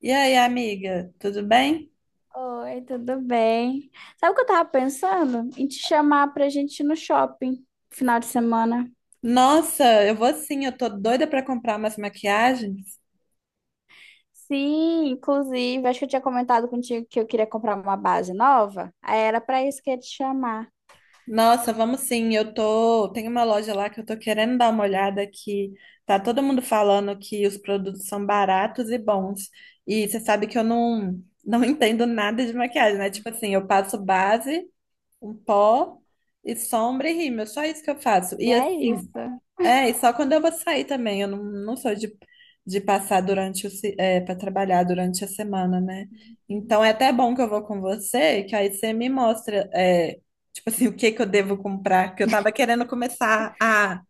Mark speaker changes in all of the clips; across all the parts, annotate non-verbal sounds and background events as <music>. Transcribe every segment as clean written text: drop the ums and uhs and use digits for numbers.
Speaker 1: E aí, amiga, tudo bem?
Speaker 2: Oi, tudo bem? Sabe o que eu tava pensando? Em te chamar pra gente ir no shopping final de semana.
Speaker 1: Nossa, eu vou sim, eu tô doida pra comprar umas maquiagens.
Speaker 2: Sim, inclusive, acho que eu tinha comentado contigo que eu queria comprar uma base nova. Aí era pra isso que eu ia te chamar.
Speaker 1: Nossa, vamos sim, eu tô. Tem uma loja lá que eu tô querendo dar uma olhada que tá todo mundo falando que os produtos são baratos e bons. E você sabe que eu não <laughs> entendo nada de maquiagem, né? Tipo assim, eu passo base, um pó e sombra e rímel, só isso que eu faço.
Speaker 2: E
Speaker 1: E
Speaker 2: é
Speaker 1: assim,
Speaker 2: isso.
Speaker 1: é, e só quando eu vou sair também. Eu não sou de passar durante o, para trabalhar durante a semana, né? Então é até bom que eu vou com você, que aí você me mostra, tipo assim, o que que eu devo comprar, que eu tava querendo começar a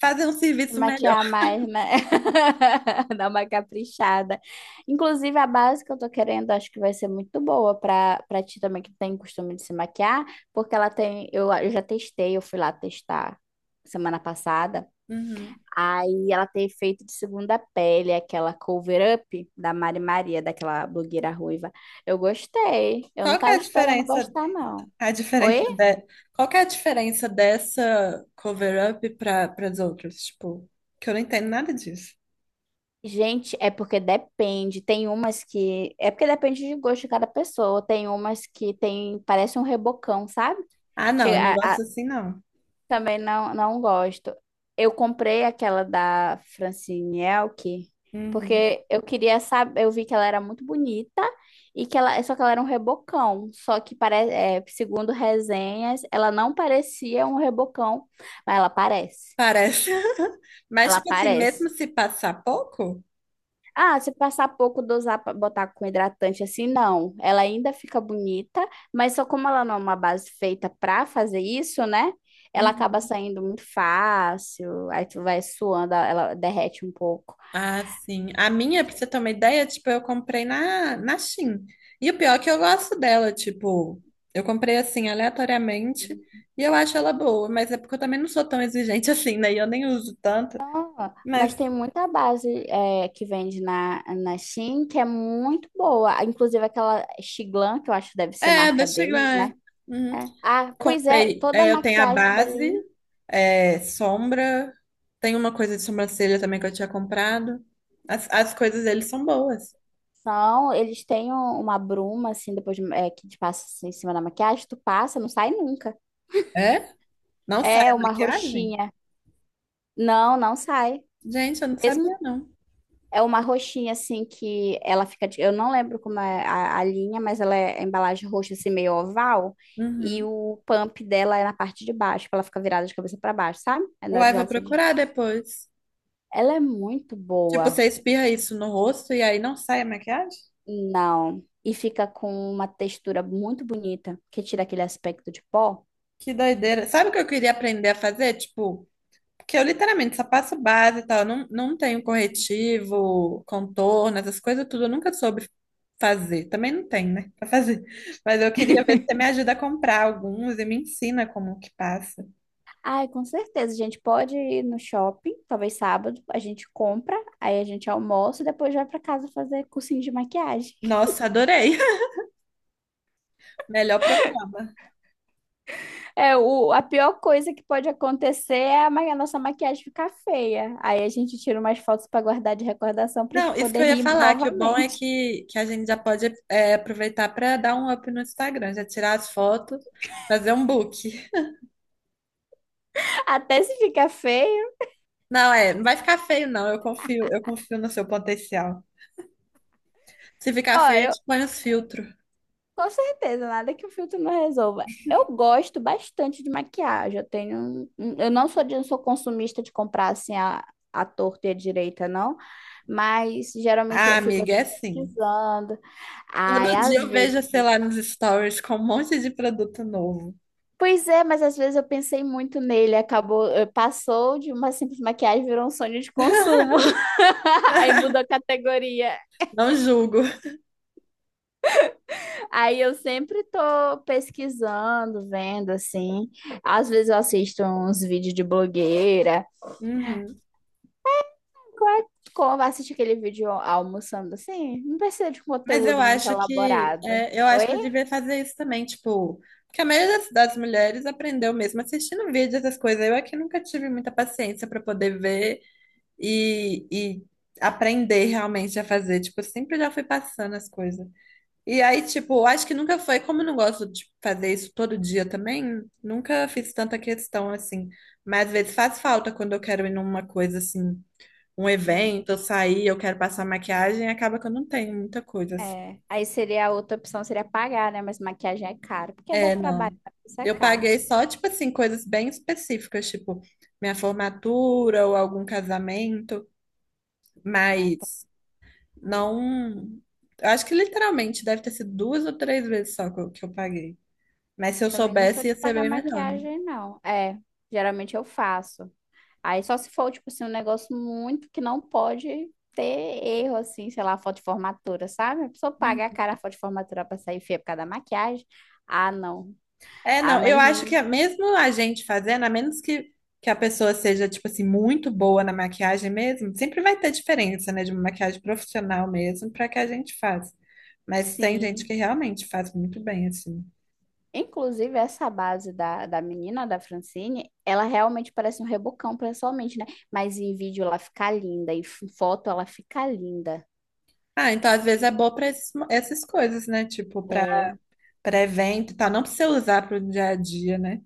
Speaker 1: fazer um
Speaker 2: Se
Speaker 1: serviço melhor.
Speaker 2: maquiar mais, né? <laughs> Dar uma caprichada. Inclusive, a base que eu tô querendo, acho que vai ser muito boa pra ti também que tem costume de se maquiar, porque ela tem. Eu já testei, eu fui lá testar semana passada.
Speaker 1: Uhum.
Speaker 2: Aí ela tem feito de segunda pele, aquela cover up da Mari Maria, daquela blogueira ruiva. Eu gostei. Eu
Speaker 1: Qual
Speaker 2: não
Speaker 1: que é
Speaker 2: tava
Speaker 1: a
Speaker 2: esperando
Speaker 1: diferença,
Speaker 2: gostar, não.
Speaker 1: a diferença
Speaker 2: Oi?
Speaker 1: de, qual que é a diferença dessa cover-up para as outras? Tipo, que eu não entendo nada disso.
Speaker 2: Gente, é porque depende. Tem umas que. É porque depende de gosto de cada pessoa. Tem umas que tem. Parece um rebocão, sabe?
Speaker 1: Ah, não, eu não
Speaker 2: Chega, a,
Speaker 1: gosto assim, não.
Speaker 2: também não gosto. Eu comprei aquela da Francine Elk,
Speaker 1: Uhum.
Speaker 2: porque eu queria saber, eu vi que ela era muito bonita e que ela, só que ela era um rebocão, só que parece, segundo resenhas, ela não parecia um rebocão, mas ela parece.
Speaker 1: Parece. <laughs> Mas,
Speaker 2: Ela
Speaker 1: tipo assim, mesmo
Speaker 2: parece.
Speaker 1: se passar pouco?
Speaker 2: Ah, se passar pouco, dosar para botar com hidratante assim, não. Ela ainda fica bonita, mas só como ela não é uma base feita para fazer isso, né? Ela acaba
Speaker 1: Uhum.
Speaker 2: saindo muito fácil, aí tu vai suando, ela derrete um pouco.
Speaker 1: Ah, sim. A minha, pra você ter uma ideia, tipo, eu comprei na Shein. E o pior é que eu gosto dela, tipo, eu comprei assim, aleatoriamente, e eu acho ela boa, mas é porque eu também não sou tão exigente <laughs> assim, né? E eu nem uso tanto.
Speaker 2: Então, mas
Speaker 1: Mas
Speaker 2: tem muita base é, que vende na Shein que é muito boa. Inclusive aquela Xiglan, que eu acho que deve ser
Speaker 1: é,
Speaker 2: marca
Speaker 1: deixa eu
Speaker 2: deles, né?
Speaker 1: ver. Uhum.
Speaker 2: É. Ah, pois é,
Speaker 1: Contei.
Speaker 2: toda a
Speaker 1: É, eu tenho a
Speaker 2: maquiagem dela.
Speaker 1: base, é, sombra. Tem uma coisa de sobrancelha também que eu tinha comprado. As coisas deles são boas.
Speaker 2: São, eles têm uma bruma, assim, é, que te passa assim, em cima da maquiagem, tu passa, não sai nunca.
Speaker 1: É? Não sai
Speaker 2: É
Speaker 1: a
Speaker 2: uma
Speaker 1: maquiagem?
Speaker 2: roxinha. Não, não sai.
Speaker 1: Gente, eu não
Speaker 2: Mesmo
Speaker 1: sabia, não.
Speaker 2: é uma roxinha, assim, que ela fica. Eu não lembro como é a linha, mas ela é a embalagem roxa, assim, meio oval. E
Speaker 1: Uhum.
Speaker 2: o pump dela é na parte de baixo, que ela fica virada de cabeça para baixo, sabe? É na
Speaker 1: Uai,
Speaker 2: horizontal.
Speaker 1: vou
Speaker 2: Assim.
Speaker 1: procurar depois.
Speaker 2: Ela é muito
Speaker 1: Tipo,
Speaker 2: boa.
Speaker 1: você espirra isso no rosto e aí não sai a maquiagem?
Speaker 2: Não. E fica com uma textura muito bonita, que tira aquele aspecto de pó.
Speaker 1: Que doideira. Sabe o que eu queria aprender a fazer? Tipo, porque eu literalmente só passo base e tal, eu não tenho corretivo, contorno, essas coisas tudo, eu nunca soube fazer. Também não tem, né, pra fazer. Mas eu queria ver se você me ajuda a comprar alguns e me ensina como que passa.
Speaker 2: Ai, com certeza. A gente pode ir no shopping, talvez sábado, a gente compra, aí a gente almoça e depois vai pra casa fazer cursinho de maquiagem.
Speaker 1: Nossa, adorei. <laughs> Melhor programa.
Speaker 2: É, o, a pior coisa que pode acontecer é a, a nossa maquiagem ficar feia. Aí a gente tira umas fotos pra guardar de recordação pra gente
Speaker 1: Não, isso que
Speaker 2: poder
Speaker 1: eu ia
Speaker 2: rir
Speaker 1: falar, que o bom é
Speaker 2: novamente.
Speaker 1: que a gente já pode aproveitar para dar um up no Instagram, já tirar as fotos, fazer um book.
Speaker 2: <laughs> Até se ficar feio.
Speaker 1: Não, é, não vai ficar feio, não. Eu confio no seu potencial. Se ficar
Speaker 2: Ó,
Speaker 1: feio, a
Speaker 2: eu,
Speaker 1: gente põe os filtros.
Speaker 2: Com certeza, nada que o filtro não resolva. Eu gosto bastante de maquiagem. Eu tenho, eu não sou, não sou consumista de comprar assim a torta e a direita, não. Mas geralmente
Speaker 1: Ah,
Speaker 2: eu fico
Speaker 1: amiga,
Speaker 2: assim,
Speaker 1: é assim.
Speaker 2: pesquisando.
Speaker 1: Todo
Speaker 2: Ai,
Speaker 1: dia
Speaker 2: às
Speaker 1: eu
Speaker 2: vezes.
Speaker 1: vejo, sei lá, nos stories com um monte de produto novo.
Speaker 2: Pois é, mas às vezes eu pensei muito nele, acabou, passou de uma simples maquiagem, virou um sonho de consumo.
Speaker 1: <laughs>
Speaker 2: <laughs> Aí mudou a categoria.
Speaker 1: Não julgo.
Speaker 2: Aí eu sempre tô pesquisando, vendo assim. Às vezes eu assisto uns vídeos de blogueira.
Speaker 1: Uhum.
Speaker 2: Como assistir aquele vídeo almoçando assim? Não precisa de
Speaker 1: Mas eu
Speaker 2: conteúdo muito
Speaker 1: acho que
Speaker 2: elaborado.
Speaker 1: é, eu acho
Speaker 2: Oi?
Speaker 1: que eu devia fazer isso também, tipo, porque a maioria das mulheres aprendeu mesmo assistindo vídeos, essas coisas. Eu é que nunca tive muita paciência para poder ver e aprender realmente a fazer. Tipo, eu sempre já fui passando as coisas. E aí, tipo, acho que nunca foi, como eu não gosto de fazer isso todo dia também, nunca fiz tanta questão assim. Mas às vezes faz falta quando eu quero ir numa coisa assim, um
Speaker 2: Hum,
Speaker 1: evento, eu sair, eu quero passar maquiagem, acaba que eu não tenho muita coisa assim.
Speaker 2: É. Aí seria a outra opção, seria pagar, né? Mas maquiagem é caro, porque dá
Speaker 1: É,
Speaker 2: trabalho,
Speaker 1: não.
Speaker 2: isso é
Speaker 1: Eu
Speaker 2: caro.
Speaker 1: paguei só, tipo assim, coisas bem específicas, tipo minha formatura ou algum casamento,
Speaker 2: É, tá.
Speaker 1: mas não. Eu acho que literalmente deve ter sido duas ou três vezes só que eu paguei. Mas se eu
Speaker 2: Também não sou
Speaker 1: soubesse,
Speaker 2: de
Speaker 1: ia ser
Speaker 2: pagar
Speaker 1: bem melhor,
Speaker 2: maquiagem, não. É, geralmente eu faço. Aí só se for, tipo assim, um negócio muito que não pode ter erro, assim, sei lá, foto de formatura, sabe? A pessoa
Speaker 1: né?
Speaker 2: paga a cara a foto de formatura pra sair feia por causa da maquiagem. Ah, não.
Speaker 1: É,
Speaker 2: Ah,
Speaker 1: não, eu
Speaker 2: mas
Speaker 1: acho que
Speaker 2: em-
Speaker 1: é mesmo a gente fazendo, a menos que a pessoa seja, tipo assim, muito boa na maquiagem mesmo, sempre vai ter diferença, né, de uma maquiagem profissional mesmo para que a gente faz. Mas tem gente que
Speaker 2: sim.
Speaker 1: realmente faz muito bem, assim.
Speaker 2: Inclusive, essa base da menina, da Francine, ela realmente parece um rebocão, pessoalmente, né? Mas em vídeo ela fica linda, em foto ela fica linda.
Speaker 1: Ah, então às vezes é boa para essas coisas, né, tipo, para
Speaker 2: É,
Speaker 1: para evento e tal, não precisa usar para o dia a dia, né?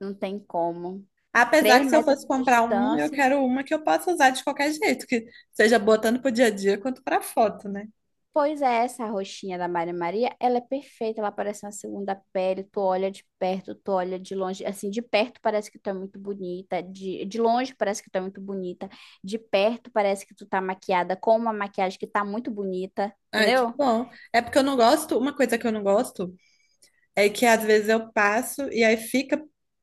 Speaker 2: não tem como.
Speaker 1: Apesar
Speaker 2: Três
Speaker 1: que se eu
Speaker 2: metros
Speaker 1: fosse
Speaker 2: de
Speaker 1: comprar uma, eu
Speaker 2: distância.
Speaker 1: quero uma que eu possa usar de qualquer jeito, que seja boa tanto para o dia a dia quanto para foto, né?
Speaker 2: Pois é, essa roxinha da Maria Maria, ela é perfeita, ela parece uma segunda pele, tu olha de perto, tu olha de longe, assim, de perto parece que tu é muito bonita, de longe parece que tu é muito bonita, de perto parece que tu tá maquiada com uma maquiagem que tá muito bonita,
Speaker 1: Ai, que
Speaker 2: entendeu?
Speaker 1: bom. É porque eu não gosto, uma coisa que eu não gosto é que às vezes eu passo e aí fica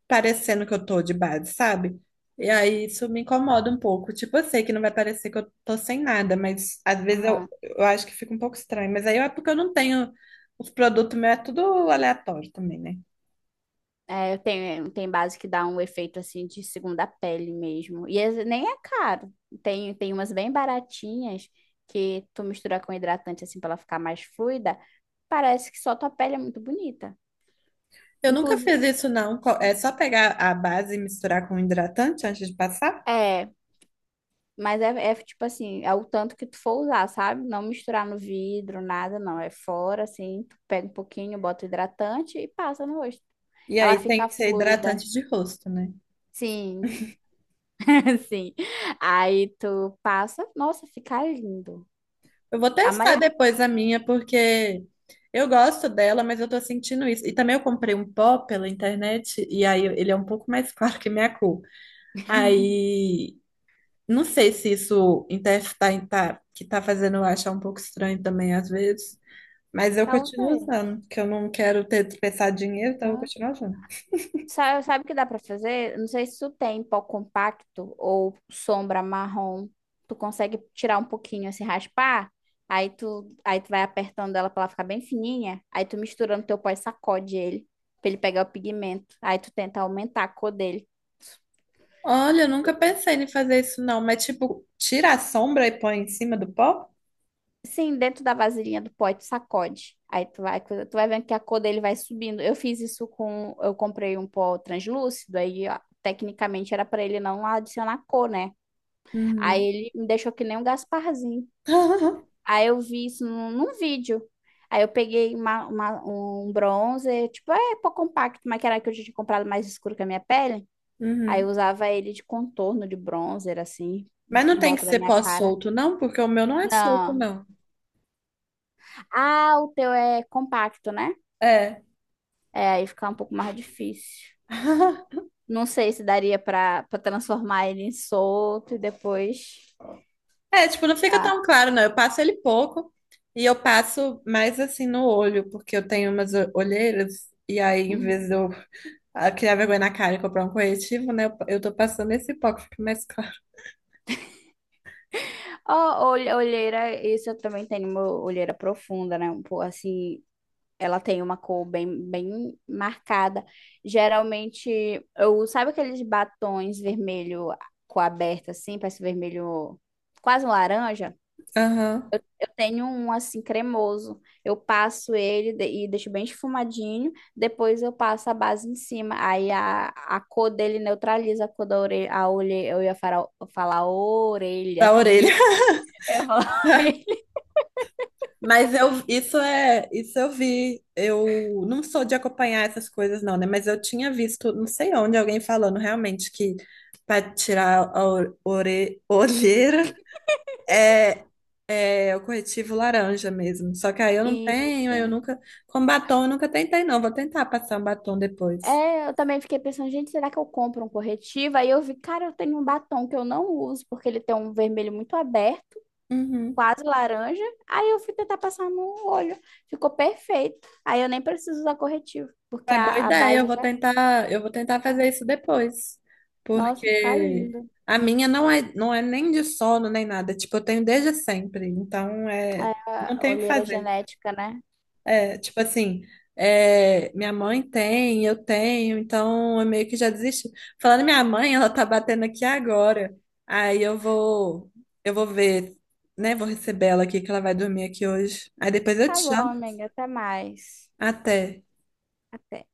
Speaker 1: parecendo que eu tô de base, sabe? E aí isso me incomoda um pouco. Tipo, eu sei que não vai parecer que eu tô sem nada, mas às vezes eu,
Speaker 2: Aham.
Speaker 1: eu acho que fica um pouco estranho. Mas aí é porque eu não tenho. Os produtos meus é tudo aleatório também, né?
Speaker 2: É, tem, tem base que dá um efeito, assim, de segunda pele mesmo, e esse nem é caro, tem, tem umas bem baratinhas que tu mistura com hidratante, assim, pra ela ficar mais fluida, parece que só tua pele é muito bonita.
Speaker 1: Eu nunca fiz
Speaker 2: Inclusive,
Speaker 1: isso, não. É só pegar a base e misturar com hidratante antes de passar.
Speaker 2: é, mas é, é tipo assim, é o tanto que tu for usar, sabe? Não misturar no vidro, nada, não. É fora, assim, tu pega um pouquinho, bota hidratante e passa no rosto.
Speaker 1: E
Speaker 2: Ela
Speaker 1: aí tem
Speaker 2: fica
Speaker 1: que ser
Speaker 2: fluida.
Speaker 1: hidratante de rosto, né?
Speaker 2: Sim, <laughs> sim. Aí tu passa, nossa, fica lindo.
Speaker 1: Eu vou
Speaker 2: A
Speaker 1: testar
Speaker 2: maioria,
Speaker 1: depois a minha, porque eu gosto dela, mas eu tô sentindo isso. E também eu comprei um pó pela internet, e aí ele é um pouco mais <laughs> claro que minha cor. Aí, não sei se isso que tá fazendo eu achar um pouco estranho também às vezes. Mas eu continuo
Speaker 2: talvez.
Speaker 1: usando, que eu não quero ter desperdiçado dinheiro, então eu vou continuar usando.
Speaker 2: Sabe, o que dá pra fazer? Não sei se tu tem pó compacto ou sombra marrom. Tu consegue tirar um pouquinho, assim, raspar. Aí tu vai apertando ela pra ela ficar bem fininha. Aí tu mistura no teu pó e sacode ele, pra ele pegar o pigmento. Aí tu tenta aumentar a cor dele.
Speaker 1: Olha, eu nunca pensei em fazer isso não, mas tipo, tira a sombra e põe em cima do pó?
Speaker 2: Sim, dentro da vasilhinha do pó, aí tu sacode. Aí tu vai, tu vai vendo que a cor dele vai subindo. Eu fiz isso com... Eu comprei um pó translúcido, aí... ó, tecnicamente era pra ele não adicionar cor, né? Aí
Speaker 1: Uhum.
Speaker 2: ele me deixou que nem um Gasparzinho.
Speaker 1: <laughs>
Speaker 2: Aí eu vi isso num vídeo. Aí eu peguei um bronzer, tipo, é pó compacto, mas que era que eu já tinha comprado mais escuro que a minha pele. Aí eu
Speaker 1: Uhum.
Speaker 2: usava ele de contorno de bronzer, assim,
Speaker 1: Mas não
Speaker 2: em
Speaker 1: tem que
Speaker 2: volta da
Speaker 1: ser
Speaker 2: minha cara.
Speaker 1: pós-solto, não, porque o meu não é solto,
Speaker 2: Não.
Speaker 1: não.
Speaker 2: Ah, o teu é compacto, né?
Speaker 1: É.
Speaker 2: É, aí fica um pouco mais difícil.
Speaker 1: <laughs>
Speaker 2: Não sei se daria pra para transformar ele em solto e depois.
Speaker 1: É, tipo, não fica
Speaker 2: Ah.
Speaker 1: tão claro, não. Eu passo ele pouco e eu passo mais assim no olho, porque eu tenho umas olheiras e aí, em
Speaker 2: Uhum.
Speaker 1: vez de eu criar vergonha na cara e comprar um corretivo, né, eu tô passando esse pouco, fica mais claro.
Speaker 2: Ó, olheira, isso eu também tenho uma olheira profunda, né? Um pouco assim, ela tem uma cor bem, bem marcada. Geralmente, eu, sabe aqueles batons vermelho com aberta assim, parece vermelho, quase um laranja?
Speaker 1: Aham.
Speaker 2: Eu tenho um assim cremoso. Eu passo ele e deixo bem esfumadinho, depois eu passo a base em cima. Aí a cor dele neutraliza a cor da orelha, eu ia falar, falar orelha,
Speaker 1: Da
Speaker 2: tu viu?
Speaker 1: orelha.
Speaker 2: Eu ia falar <laughs>
Speaker 1: <laughs>
Speaker 2: orelha.
Speaker 1: Mas eu, isso é, isso eu vi. Eu não sou de acompanhar essas coisas, não, né? Mas eu tinha visto, não sei onde, alguém falando realmente que para tirar a olheira é, é o corretivo laranja mesmo. Só que aí eu não tenho, aí eu
Speaker 2: Isso.
Speaker 1: nunca. Com batom eu nunca tentei, não. Vou tentar passar um batom depois.
Speaker 2: É, eu também fiquei pensando, gente, será que eu compro um corretivo? Aí eu vi, cara, eu tenho um batom que eu não uso, porque ele tem um vermelho muito aberto,
Speaker 1: Uhum.
Speaker 2: quase laranja. Aí eu fui tentar passar no olho, ficou perfeito. Aí eu nem preciso usar corretivo, porque
Speaker 1: É boa
Speaker 2: a
Speaker 1: ideia,
Speaker 2: base já.
Speaker 1: eu vou tentar fazer isso depois,
Speaker 2: Nossa, fica
Speaker 1: porque
Speaker 2: lindo.
Speaker 1: a minha não é nem de sono nem nada, tipo, eu tenho desde sempre, então é,
Speaker 2: É,
Speaker 1: não
Speaker 2: a
Speaker 1: tenho o que
Speaker 2: olheira
Speaker 1: fazer.
Speaker 2: genética, né?
Speaker 1: É, tipo assim, é, minha mãe tem, eu tenho, então eu meio que já desisti. Falando em minha mãe, ela tá batendo aqui agora. Aí eu vou ver, né, vou receber ela aqui que ela vai dormir aqui hoje. Aí depois eu te
Speaker 2: Tá bom,
Speaker 1: chamo.
Speaker 2: amiga, até mais.
Speaker 1: Até.
Speaker 2: Até.